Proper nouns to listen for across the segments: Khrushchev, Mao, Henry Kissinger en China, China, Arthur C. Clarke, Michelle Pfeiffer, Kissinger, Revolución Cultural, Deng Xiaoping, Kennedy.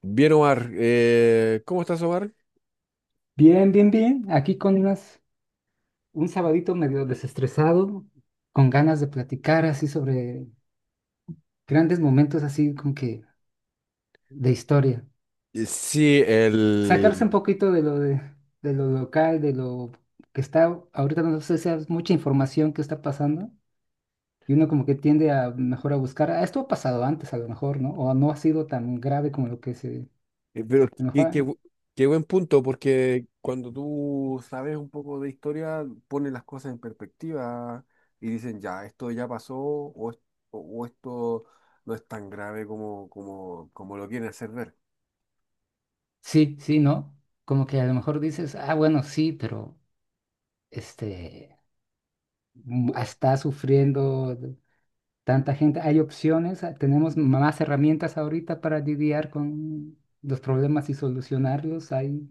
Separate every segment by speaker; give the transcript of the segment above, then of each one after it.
Speaker 1: Bien, Omar. ¿cómo estás, Omar?
Speaker 2: Bien, bien, bien. Aquí con un sabadito medio desestresado, con ganas de platicar así sobre grandes momentos así como que de historia.
Speaker 1: Sí,
Speaker 2: Sacarse un
Speaker 1: el...
Speaker 2: poquito de de lo local, de lo que está ahorita, no sé si es mucha información que está pasando, y uno como que tiende a mejor a buscar, "Ah, esto ha pasado antes a lo mejor, ¿no? O no ha sido tan grave como lo que se, a
Speaker 1: Pero
Speaker 2: lo
Speaker 1: qué,
Speaker 2: mejor,
Speaker 1: qué
Speaker 2: no".
Speaker 1: bu- ¿Qué buen punto? Porque cuando tú sabes un poco de historia, pones las cosas en perspectiva y dicen, ya, esto ya pasó o esto no es tan grave como, como, como lo quieren hacer ver.
Speaker 2: Sí, sí, ¿no? Como que a lo mejor dices, ah, bueno, sí, pero este está sufriendo tanta gente. Hay opciones, tenemos más herramientas ahorita para lidiar con los problemas y solucionarlos.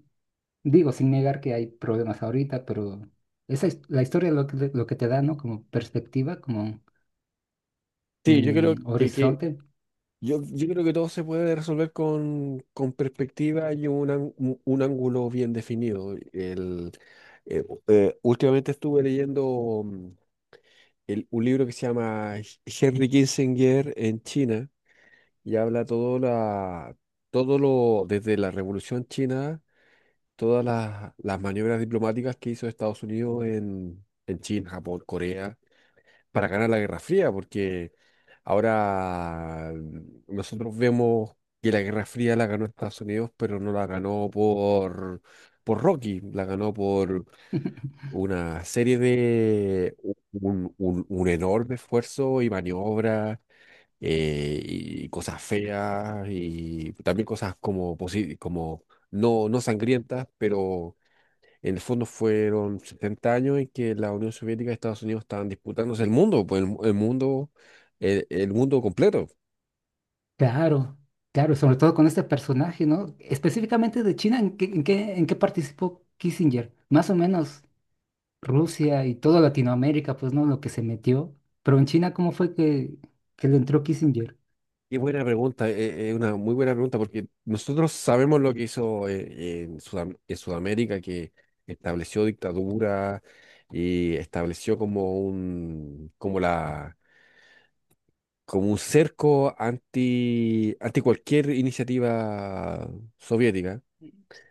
Speaker 2: Digo, sin negar que hay problemas ahorita, pero esa es la historia lo que te da, ¿no? Como perspectiva, como
Speaker 1: Sí, yo creo que, que
Speaker 2: horizonte.
Speaker 1: yo creo que todo se puede resolver con perspectiva y un ángulo bien definido. Últimamente estuve leyendo un libro que se llama Henry Kissinger en China, y habla todo, la, todo lo, desde la Revolución China, todas las maniobras diplomáticas que hizo Estados Unidos en China, Japón, Corea, para ganar la Guerra Fría. Nosotros vemos que la Guerra Fría la ganó Estados Unidos, pero no la ganó por Rocky, la ganó por una serie de un enorme esfuerzo y maniobras, y cosas feas y también cosas como, como no, no sangrientas, pero en el fondo fueron 70 años en que la Unión Soviética y Estados Unidos estaban disputándose el mundo, pues el mundo completo.
Speaker 2: Claro, claro, sobre todo con este personaje, ¿no? Específicamente de China, ¿en qué participó Kissinger? Más o menos Rusia y toda Latinoamérica, pues no, lo que se metió. Pero en China, ¿cómo fue que le entró Kissinger?
Speaker 1: Qué buena pregunta, es una muy buena pregunta, porque nosotros sabemos lo que hizo en Sudamérica, que estableció dictadura y estableció como un, como la, como un cerco anti, anti cualquier iniciativa soviética.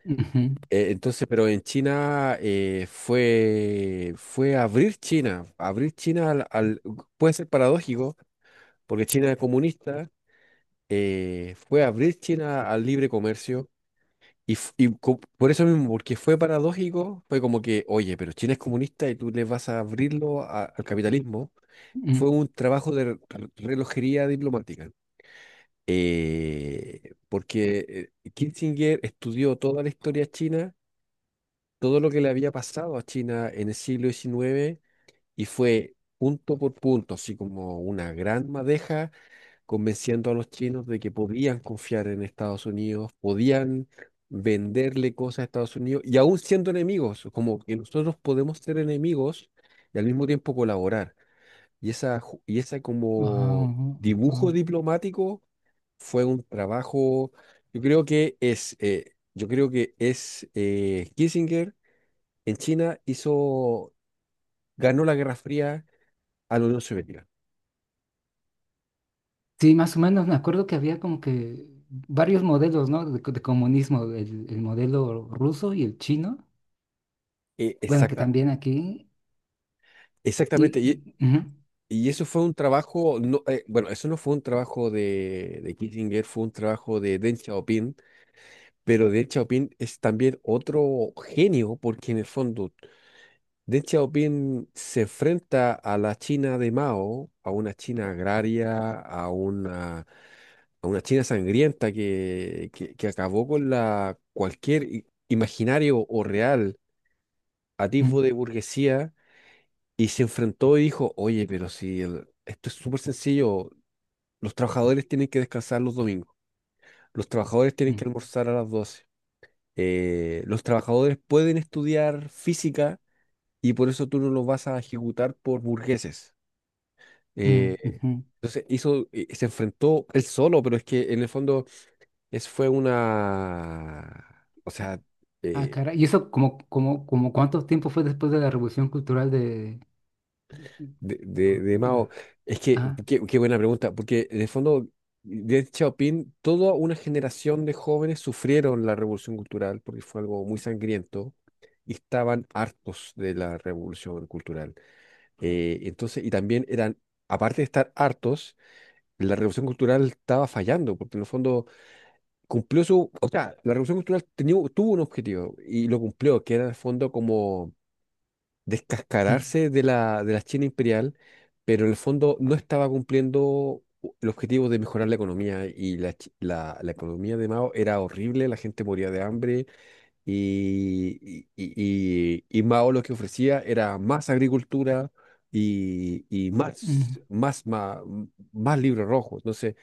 Speaker 2: Ujú,
Speaker 1: Entonces, pero en China, fue, fue abrir China puede ser paradójico, porque China es comunista, fue abrir China al libre comercio, y, por eso mismo, porque fue paradójico, fue como que, oye, pero China es comunista y tú le vas a abrirlo al capitalismo.
Speaker 2: ujú.
Speaker 1: Fue un trabajo de relojería diplomática. Porque Kissinger estudió toda la historia china, todo lo que le había pasado a China en el siglo 19, y fue punto por punto, así como una gran madeja, convenciendo a los chinos de que podían confiar en Estados Unidos, podían venderle cosas a Estados Unidos y aún siendo enemigos, como que nosotros podemos ser enemigos y al mismo tiempo colaborar. Y esa, y esa
Speaker 2: Ah,
Speaker 1: como dibujo
Speaker 2: ah.
Speaker 1: diplomático fue un trabajo. Yo creo que es Kissinger en China hizo, ganó la Guerra Fría a la Unión Soviética.
Speaker 2: Sí, más o menos me acuerdo que había como que varios modelos, ¿no? De comunismo, el modelo ruso y el chino,
Speaker 1: Eh,
Speaker 2: bueno, que
Speaker 1: exacta,
Speaker 2: también aquí,
Speaker 1: Exactamente. Y,
Speaker 2: ujú,
Speaker 1: y eso fue un trabajo, no, bueno, eso no fue un trabajo de Kissinger, fue un trabajo de Deng Xiaoping. Pero Deng Xiaoping es también otro genio, porque en el fondo Deng Xiaoping se enfrenta a la China de Mao, a una China agraria, a una China sangrienta que acabó con la cualquier imaginario o real a
Speaker 2: ujú,
Speaker 1: tipo de burguesía, y se enfrentó y dijo, oye, pero si el- esto es súper sencillo, los trabajadores tienen que descansar los domingos, los trabajadores tienen que almorzar a las doce, los trabajadores pueden estudiar física y por eso tú no los vas a ejecutar por burgueses.
Speaker 2: ujú, ujú,
Speaker 1: Eh,
Speaker 2: ujú.
Speaker 1: entonces se enfrentó él solo, pero es que en el fondo es, fue una, o
Speaker 2: Ah,
Speaker 1: sea,
Speaker 2: ah,
Speaker 1: eh,
Speaker 2: caray. ¿Y eso como cuánto tiempo fue después de la Revolución Cultural de...?
Speaker 1: de Mao. Es que,
Speaker 2: Ah,
Speaker 1: qué, qué buena pregunta, porque en el fondo, Deng Xiaoping, toda una generación de jóvenes sufrieron la revolución cultural porque fue algo muy sangriento y estaban hartos de la revolución cultural. Entonces, y también eran, aparte de estar hartos, la revolución cultural estaba fallando, porque en el fondo cumplió su, o sea, la revolución cultural tuvo un objetivo y lo cumplió, que era en el fondo como
Speaker 2: mm,
Speaker 1: descascararse de la China imperial, pero en el fondo no estaba cumpliendo el objetivo de mejorar la economía y la, la economía de Mao era horrible, la gente moría de hambre y Mao lo que ofrecía era más agricultura y
Speaker 2: mm.
Speaker 1: más, más, más, más libros rojos. Entonces,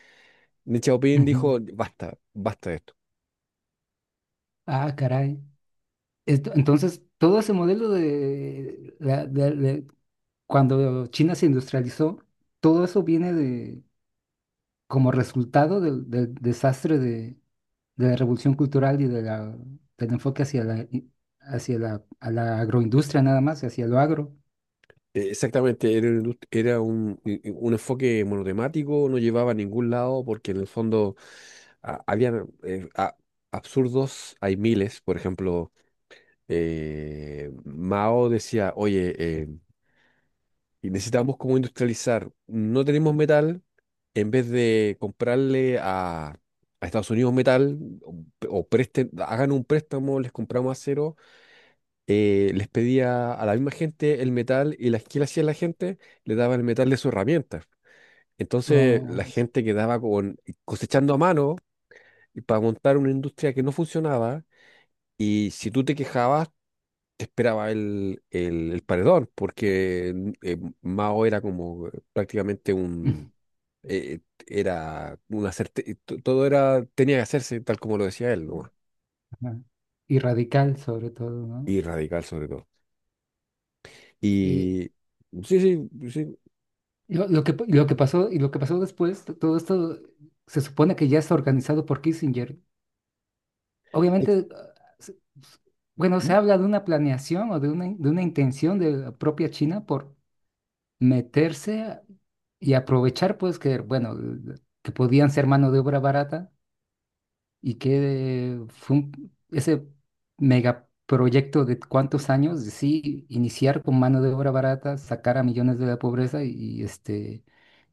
Speaker 1: Deng Xiaoping
Speaker 2: Ujú.
Speaker 1: dijo, basta, basta de esto.
Speaker 2: Ah, caray. Entonces, todo ese modelo de, la- de- cuando China se industrializó, todo eso viene de, como resultado del desastre de la revolución cultural y del enfoque hacia la, i- hacia la, a la agroindustria nada más, hacia lo agro.
Speaker 1: Exactamente, era, una era un enfoque monotemático, no llevaba a ningún lado porque en el fondo habían absurdos, hay miles, por ejemplo, Mao decía, oye, necesitamos como industrializar, no tenemos metal, en vez de comprarle a Estados Unidos metal o, o presten, hagan un préstamo, les compramos acero, les pedía a la misma gente el metal y la, ¿qué le hacía la gente? Le daba el metal de su herramienta. Entonces la
Speaker 2: Oh, s-
Speaker 1: gente quedaba con, cosechando a mano y para montar una industria que no funcionaba, y si tú te quejabas, te esperaba el paredón, porque Mao era como prácticamente un... eh, era una certeza, todo era, tenía que hacerse tal como lo decía él,
Speaker 2: ujú.
Speaker 1: nomás.
Speaker 2: Ajá. Y radical sobre todo, ¿no?
Speaker 1: Y radical sobre todo.
Speaker 2: Y
Speaker 1: Y sí, sí, sí.
Speaker 2: lo que pasó, y lo que pasó después, todo esto se supone que ya está organizado por Kissinger.
Speaker 1: Es-
Speaker 2: Obviamente, s- s- bueno, se
Speaker 1: ¿Mm?
Speaker 2: habla de una planeación o de una intención de la propia China por meterse y aprovechar, pues, que, bueno, que podían ser mano de obra barata y que fue ese megaproyecto de cuántos años, de sí, iniciar con mano de obra barata, sacar a millones de la pobreza y, este,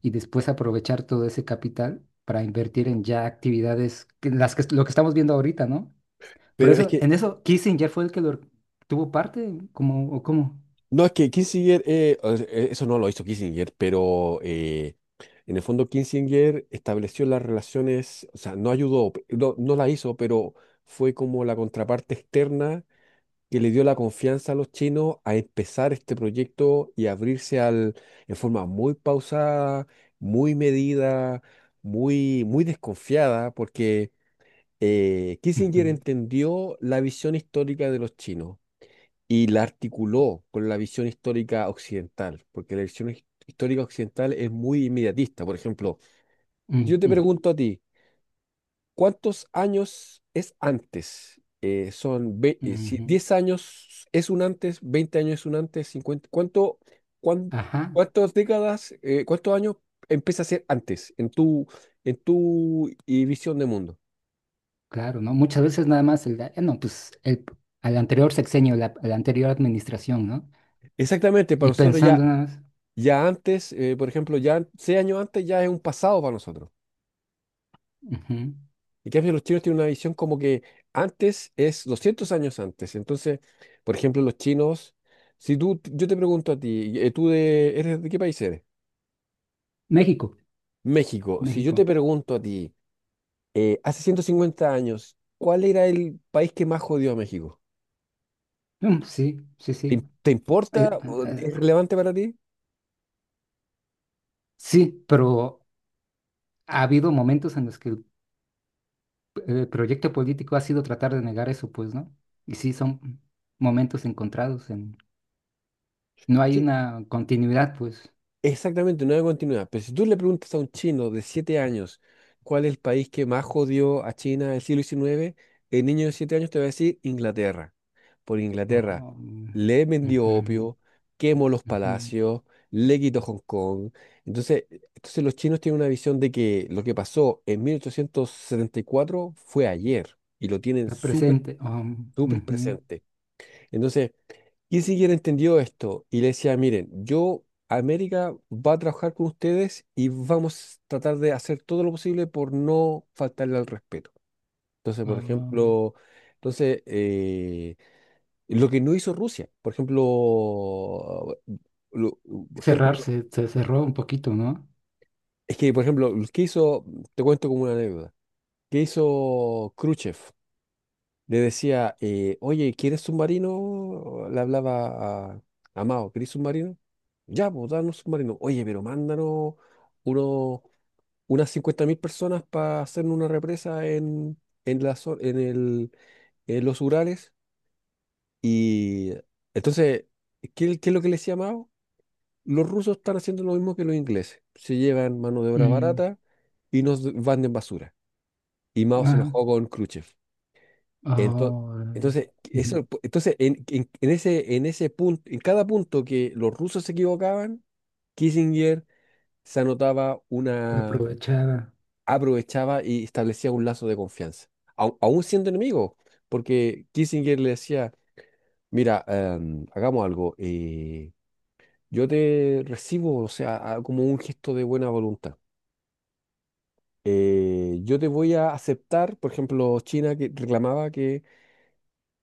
Speaker 2: y después aprovechar todo ese capital para invertir en ya actividades, lo que estamos viendo ahorita, ¿no? Pero
Speaker 1: Pero es
Speaker 2: eso,
Speaker 1: que
Speaker 2: en eso, Kissinger fue el que lo tuvo parte, como, o cómo.
Speaker 1: no, es que Kissinger, o sea, eso no lo hizo Kissinger, pero en el fondo Kissinger estableció las relaciones, o sea, no ayudó, no, no la hizo, pero fue como la contraparte externa que le dio la confianza a los chinos a empezar este proyecto y abrirse al, en forma muy pausada, muy medida, muy, muy desconfiada, porque Kissinger
Speaker 2: Ujú,
Speaker 1: entendió la visión histórica de los chinos y la articuló con la visión histórica occidental, porque la visión histórica occidental es muy inmediatista. Por ejemplo, yo
Speaker 2: mm,
Speaker 1: te
Speaker 2: mm,
Speaker 1: pregunto a ti, ¿cuántos años es antes? Si
Speaker 2: ujú.
Speaker 1: 10 años es un antes, 20 años es un antes, cincuenta, ¿cuánto, cuán-
Speaker 2: Ajá,
Speaker 1: cuántas décadas, cuántos años empieza a ser antes en tu visión de mundo?
Speaker 2: claro, ¿no? Muchas veces nada más no, pues al anterior sexenio, la, a la anterior administración, ¿no?
Speaker 1: Exactamente, para
Speaker 2: Y
Speaker 1: nosotros ya,
Speaker 2: pensando nada más.
Speaker 1: ya antes, por ejemplo, ya 6 años antes ya es un pasado para nosotros.
Speaker 2: Ujú.
Speaker 1: En cambio, los chinos tienen una visión como que antes es 200 años antes. Entonces, por ejemplo, los chinos, si tú, yo te pregunto a ti, ¿tú de, eres, de qué país eres?
Speaker 2: México,
Speaker 1: México. Si yo te
Speaker 2: México.
Speaker 1: pregunto a ti, hace 150 años, ¿cuál era el país que más jodió a México?
Speaker 2: Mm, sí, sí, sí.
Speaker 1: ¿Te, te
Speaker 2: Eh,
Speaker 1: importa?
Speaker 2: eh,
Speaker 1: ¿O
Speaker 2: eh,
Speaker 1: Es relevante para ti?
Speaker 2: sí, pero ha habido momentos en los que el proyecto político ha sido tratar de negar eso, pues, ¿no? Y sí, son momentos encontrados. No hay
Speaker 1: Sí,
Speaker 2: una continuidad, pues.
Speaker 1: exactamente, no hay continuidad. Pero si tú le preguntas a un chino de 7 años cuál es el país que más jodió a China en el siglo 19, el niño de 7 años te va a decir Inglaterra. Por Inglaterra
Speaker 2: Oh, mm,
Speaker 1: le vendió
Speaker 2: ujú,
Speaker 1: opio, quemó los
Speaker 2: ujú.
Speaker 1: palacios, le quitó Hong Kong. Entonces, entonces los chinos tienen una visión de que lo que pasó en 1874 fue ayer, y lo tienen
Speaker 2: Está
Speaker 1: súper,
Speaker 2: presente. Oh,
Speaker 1: súper
Speaker 2: ujú,
Speaker 1: presente. Entonces, y si hubiera entendido esto y le decía, miren, yo, América, va a trabajar con ustedes y vamos a tratar de hacer todo lo posible por no faltarle al respeto. Entonces, por
Speaker 2: oh.
Speaker 1: ejemplo, entonces, lo que no hizo Rusia, por ejemplo, lo- por
Speaker 2: Cerrar
Speaker 1: ejemplo,
Speaker 2: se cerró un poquito, ¿no?
Speaker 1: es que, por ejemplo, lo que hizo, te cuento como una anécdota, ¿que hizo Khrushchev? Le decía, oye, ¿quieres submarino? Le hablaba a Mao, ¿querés submarino? Ya, pues, danos submarino. Oye, pero mándanos uno, unas 50.000 personas para hacer una represa en, la, en, el, en los Urales. Y entonces, ¿qué, qué es lo que les decía Mao? Los rusos están haciendo lo mismo que los ingleses. Se llevan mano de obra
Speaker 2: Mm,
Speaker 1: barata y nos van de basura. Y Mao se
Speaker 2: ajá.
Speaker 1: enojó con Khrushchev. Entonces
Speaker 2: Oh,
Speaker 1: entonces,
Speaker 2: ujú.
Speaker 1: eso, entonces en, en ese punto, en cada punto que los rusos se equivocaban, Kissinger se anotaba
Speaker 2: Lo
Speaker 1: una,
Speaker 2: aprovechaba.
Speaker 1: aprovechaba y establecía un lazo de confianza, aún siendo enemigo, porque Kissinger le decía, mira, hagamos algo, yo te recibo, o sea, como un gesto de buena voluntad. Yo te voy a aceptar, por ejemplo, China que reclamaba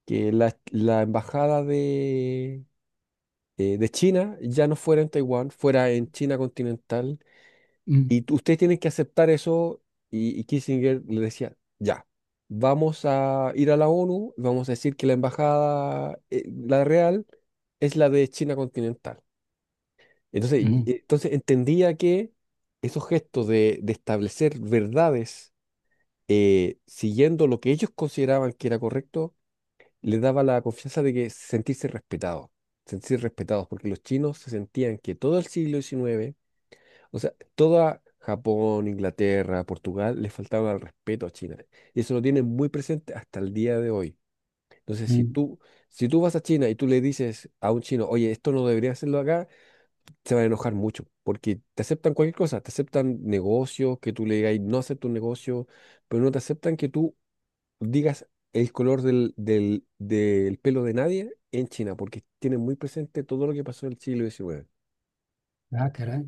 Speaker 1: que la embajada de China, ya no fuera en Taiwán, fuera en China continental.
Speaker 2: Mm,
Speaker 1: Y ustedes tienen que aceptar eso. Y Kissinger le decía, ya, vamos a ir a la ONU, vamos a decir que la embajada, la real, es la de China continental. Entonces,
Speaker 2: ujú,
Speaker 1: entonces entendía que esos gestos de establecer verdades, siguiendo lo que ellos consideraban que era correcto, les daba la confianza de que sentirse respetados, porque los chinos se sentían que todo el siglo 19, o sea, toda Japón, Inglaterra, Portugal, les faltaba el respeto a China. Y eso lo tienen muy presente hasta el día de hoy. Entonces, si
Speaker 2: mm.
Speaker 1: tú, si tú vas a China y tú le dices a un chino, oye, esto no debería hacerlo acá, se van a enojar mucho, porque te aceptan cualquier cosa, te aceptan negocios, que tú le digas, no acepto un negocio, pero no te aceptan que tú digas el color del, del, del pelo de nadie en China, porque tienen muy presente todo lo que pasó en el siglo 19.
Speaker 2: Ah, caray.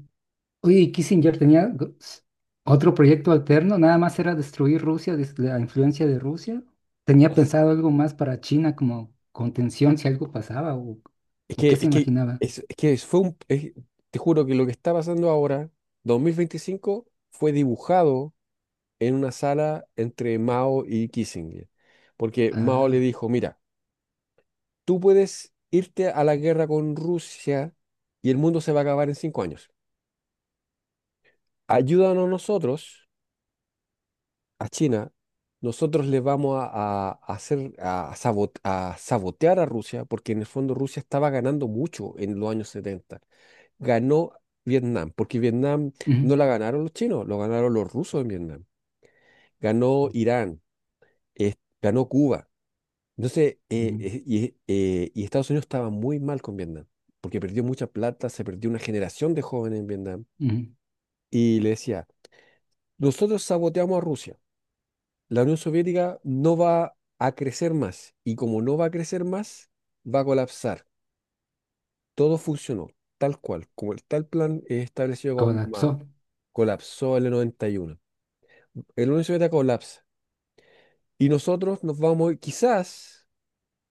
Speaker 2: Oye, ¿y Kissinger tenía otro proyecto alterno? Nada más era destruir Rusia, la influencia de Rusia. ¿Tenía pensado algo más para China como contención si algo pasaba, o,
Speaker 1: Es
Speaker 2: o qué
Speaker 1: que,
Speaker 2: se
Speaker 1: es que,
Speaker 2: imaginaba?
Speaker 1: es que fue un, te juro que lo que está pasando ahora, 2025 fue dibujado en una sala entre Mao y Kissinger, porque Mao le
Speaker 2: Ah,
Speaker 1: dijo, mira, tú puedes irte a la guerra con Rusia y el mundo se va a acabar en 5 años. Ayúdanos nosotros a China, nosotros le vamos a, a hacer a, a sabotear a Rusia, porque en el fondo Rusia estaba ganando mucho en los años 70. Ganó Vietnam, porque Vietnam
Speaker 2: ujú,
Speaker 1: no la ganaron los chinos, lo ganaron los rusos en Vietnam. Ganó Irán, eh, ganó Cuba. Entonces,
Speaker 2: ujú,
Speaker 1: y Estados Unidos estaba muy mal con Vietnam, porque perdió mucha plata, se perdió una generación de jóvenes en Vietnam.
Speaker 2: ujú.
Speaker 1: Y le decía, nosotros saboteamos a Rusia. La Unión Soviética no va a crecer más y como no va a crecer más, va a colapsar. Todo funcionó tal cual, como el tal plan es establecido con Mao.
Speaker 2: Colapsó.
Speaker 1: Colapsó en el 91. El Unión Soviética colapsa y nosotros nos vamos, quizás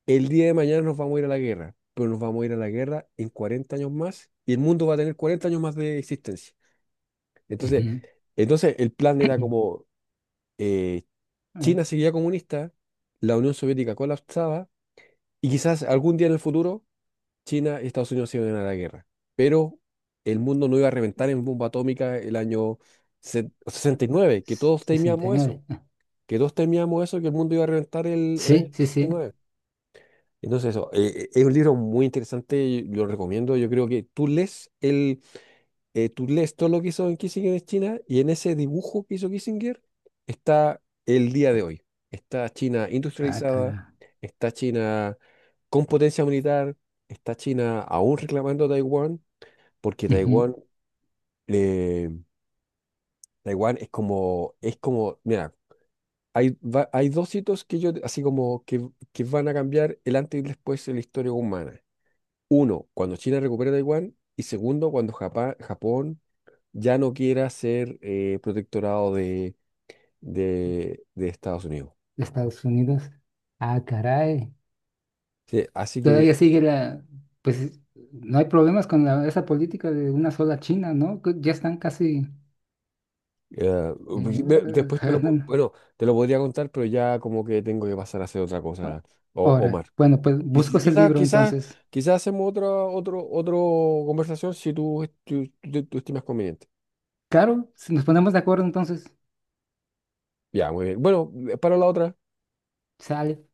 Speaker 1: el día de mañana nos vamos a ir a la guerra, pero nos vamos a ir a la guerra en 40 años más y el mundo va a tener 40 años más de existencia. Entonces,
Speaker 2: Ujú,
Speaker 1: entonces el plan era como eh,
Speaker 2: eh,
Speaker 1: China seguía comunista, la Unión Soviética colapsaba, y quizás algún día en el futuro China y Estados Unidos se iban a la guerra, pero el mundo no iba a reventar en bomba atómica el año
Speaker 2: eh,
Speaker 1: 69, que todos temíamos eso,
Speaker 2: 69. Ah,
Speaker 1: que todos temíamos eso, que el mundo iba a reventar el año
Speaker 2: sí, sí,
Speaker 1: sesenta y
Speaker 2: sí.
Speaker 1: nueve Entonces eso, es un libro muy interesante, yo lo recomiendo, yo creo que tú lees el, tú lees todo lo que hizo en Kissinger en China, y en ese dibujo que hizo Kissinger está el día de hoy. Está China
Speaker 2: Ah,
Speaker 1: industrializada,
Speaker 2: caray.
Speaker 1: está China con potencia militar, está China aún reclamando Taiwán, porque
Speaker 2: Ujú,
Speaker 1: Taiwán, eh, Taiwán es como, mira, hay, hay dos hitos que yo, así como que van a cambiar el antes y el después de la historia humana. Uno, cuando China recupera Taiwán, y segundo, cuando Japón, ya no quiera ser protectorado de Estados Unidos.
Speaker 2: Estados Unidos. Ah, caray.
Speaker 1: Sí, así que
Speaker 2: Todavía sigue la. Pues no hay problemas con esa política de una sola China, ¿no? Que ya están casi,
Speaker 1: eh, después te lo,
Speaker 2: jalan,
Speaker 1: bueno, te lo podría contar, pero ya como que tengo que pasar a hacer otra
Speaker 2: ¿no?
Speaker 1: cosa, o,
Speaker 2: Ahora,
Speaker 1: Omar.
Speaker 2: bueno, pues busco ese
Speaker 1: Quizás,
Speaker 2: libro
Speaker 1: quizás,
Speaker 2: entonces.
Speaker 1: quizás hacemos otra otro, otro conversación si tú, tú, tú estimas conveniente.
Speaker 2: Claro, si nos ponemos de acuerdo entonces,
Speaker 1: Ya, muy bien. Bueno, para la otra.
Speaker 2: sale.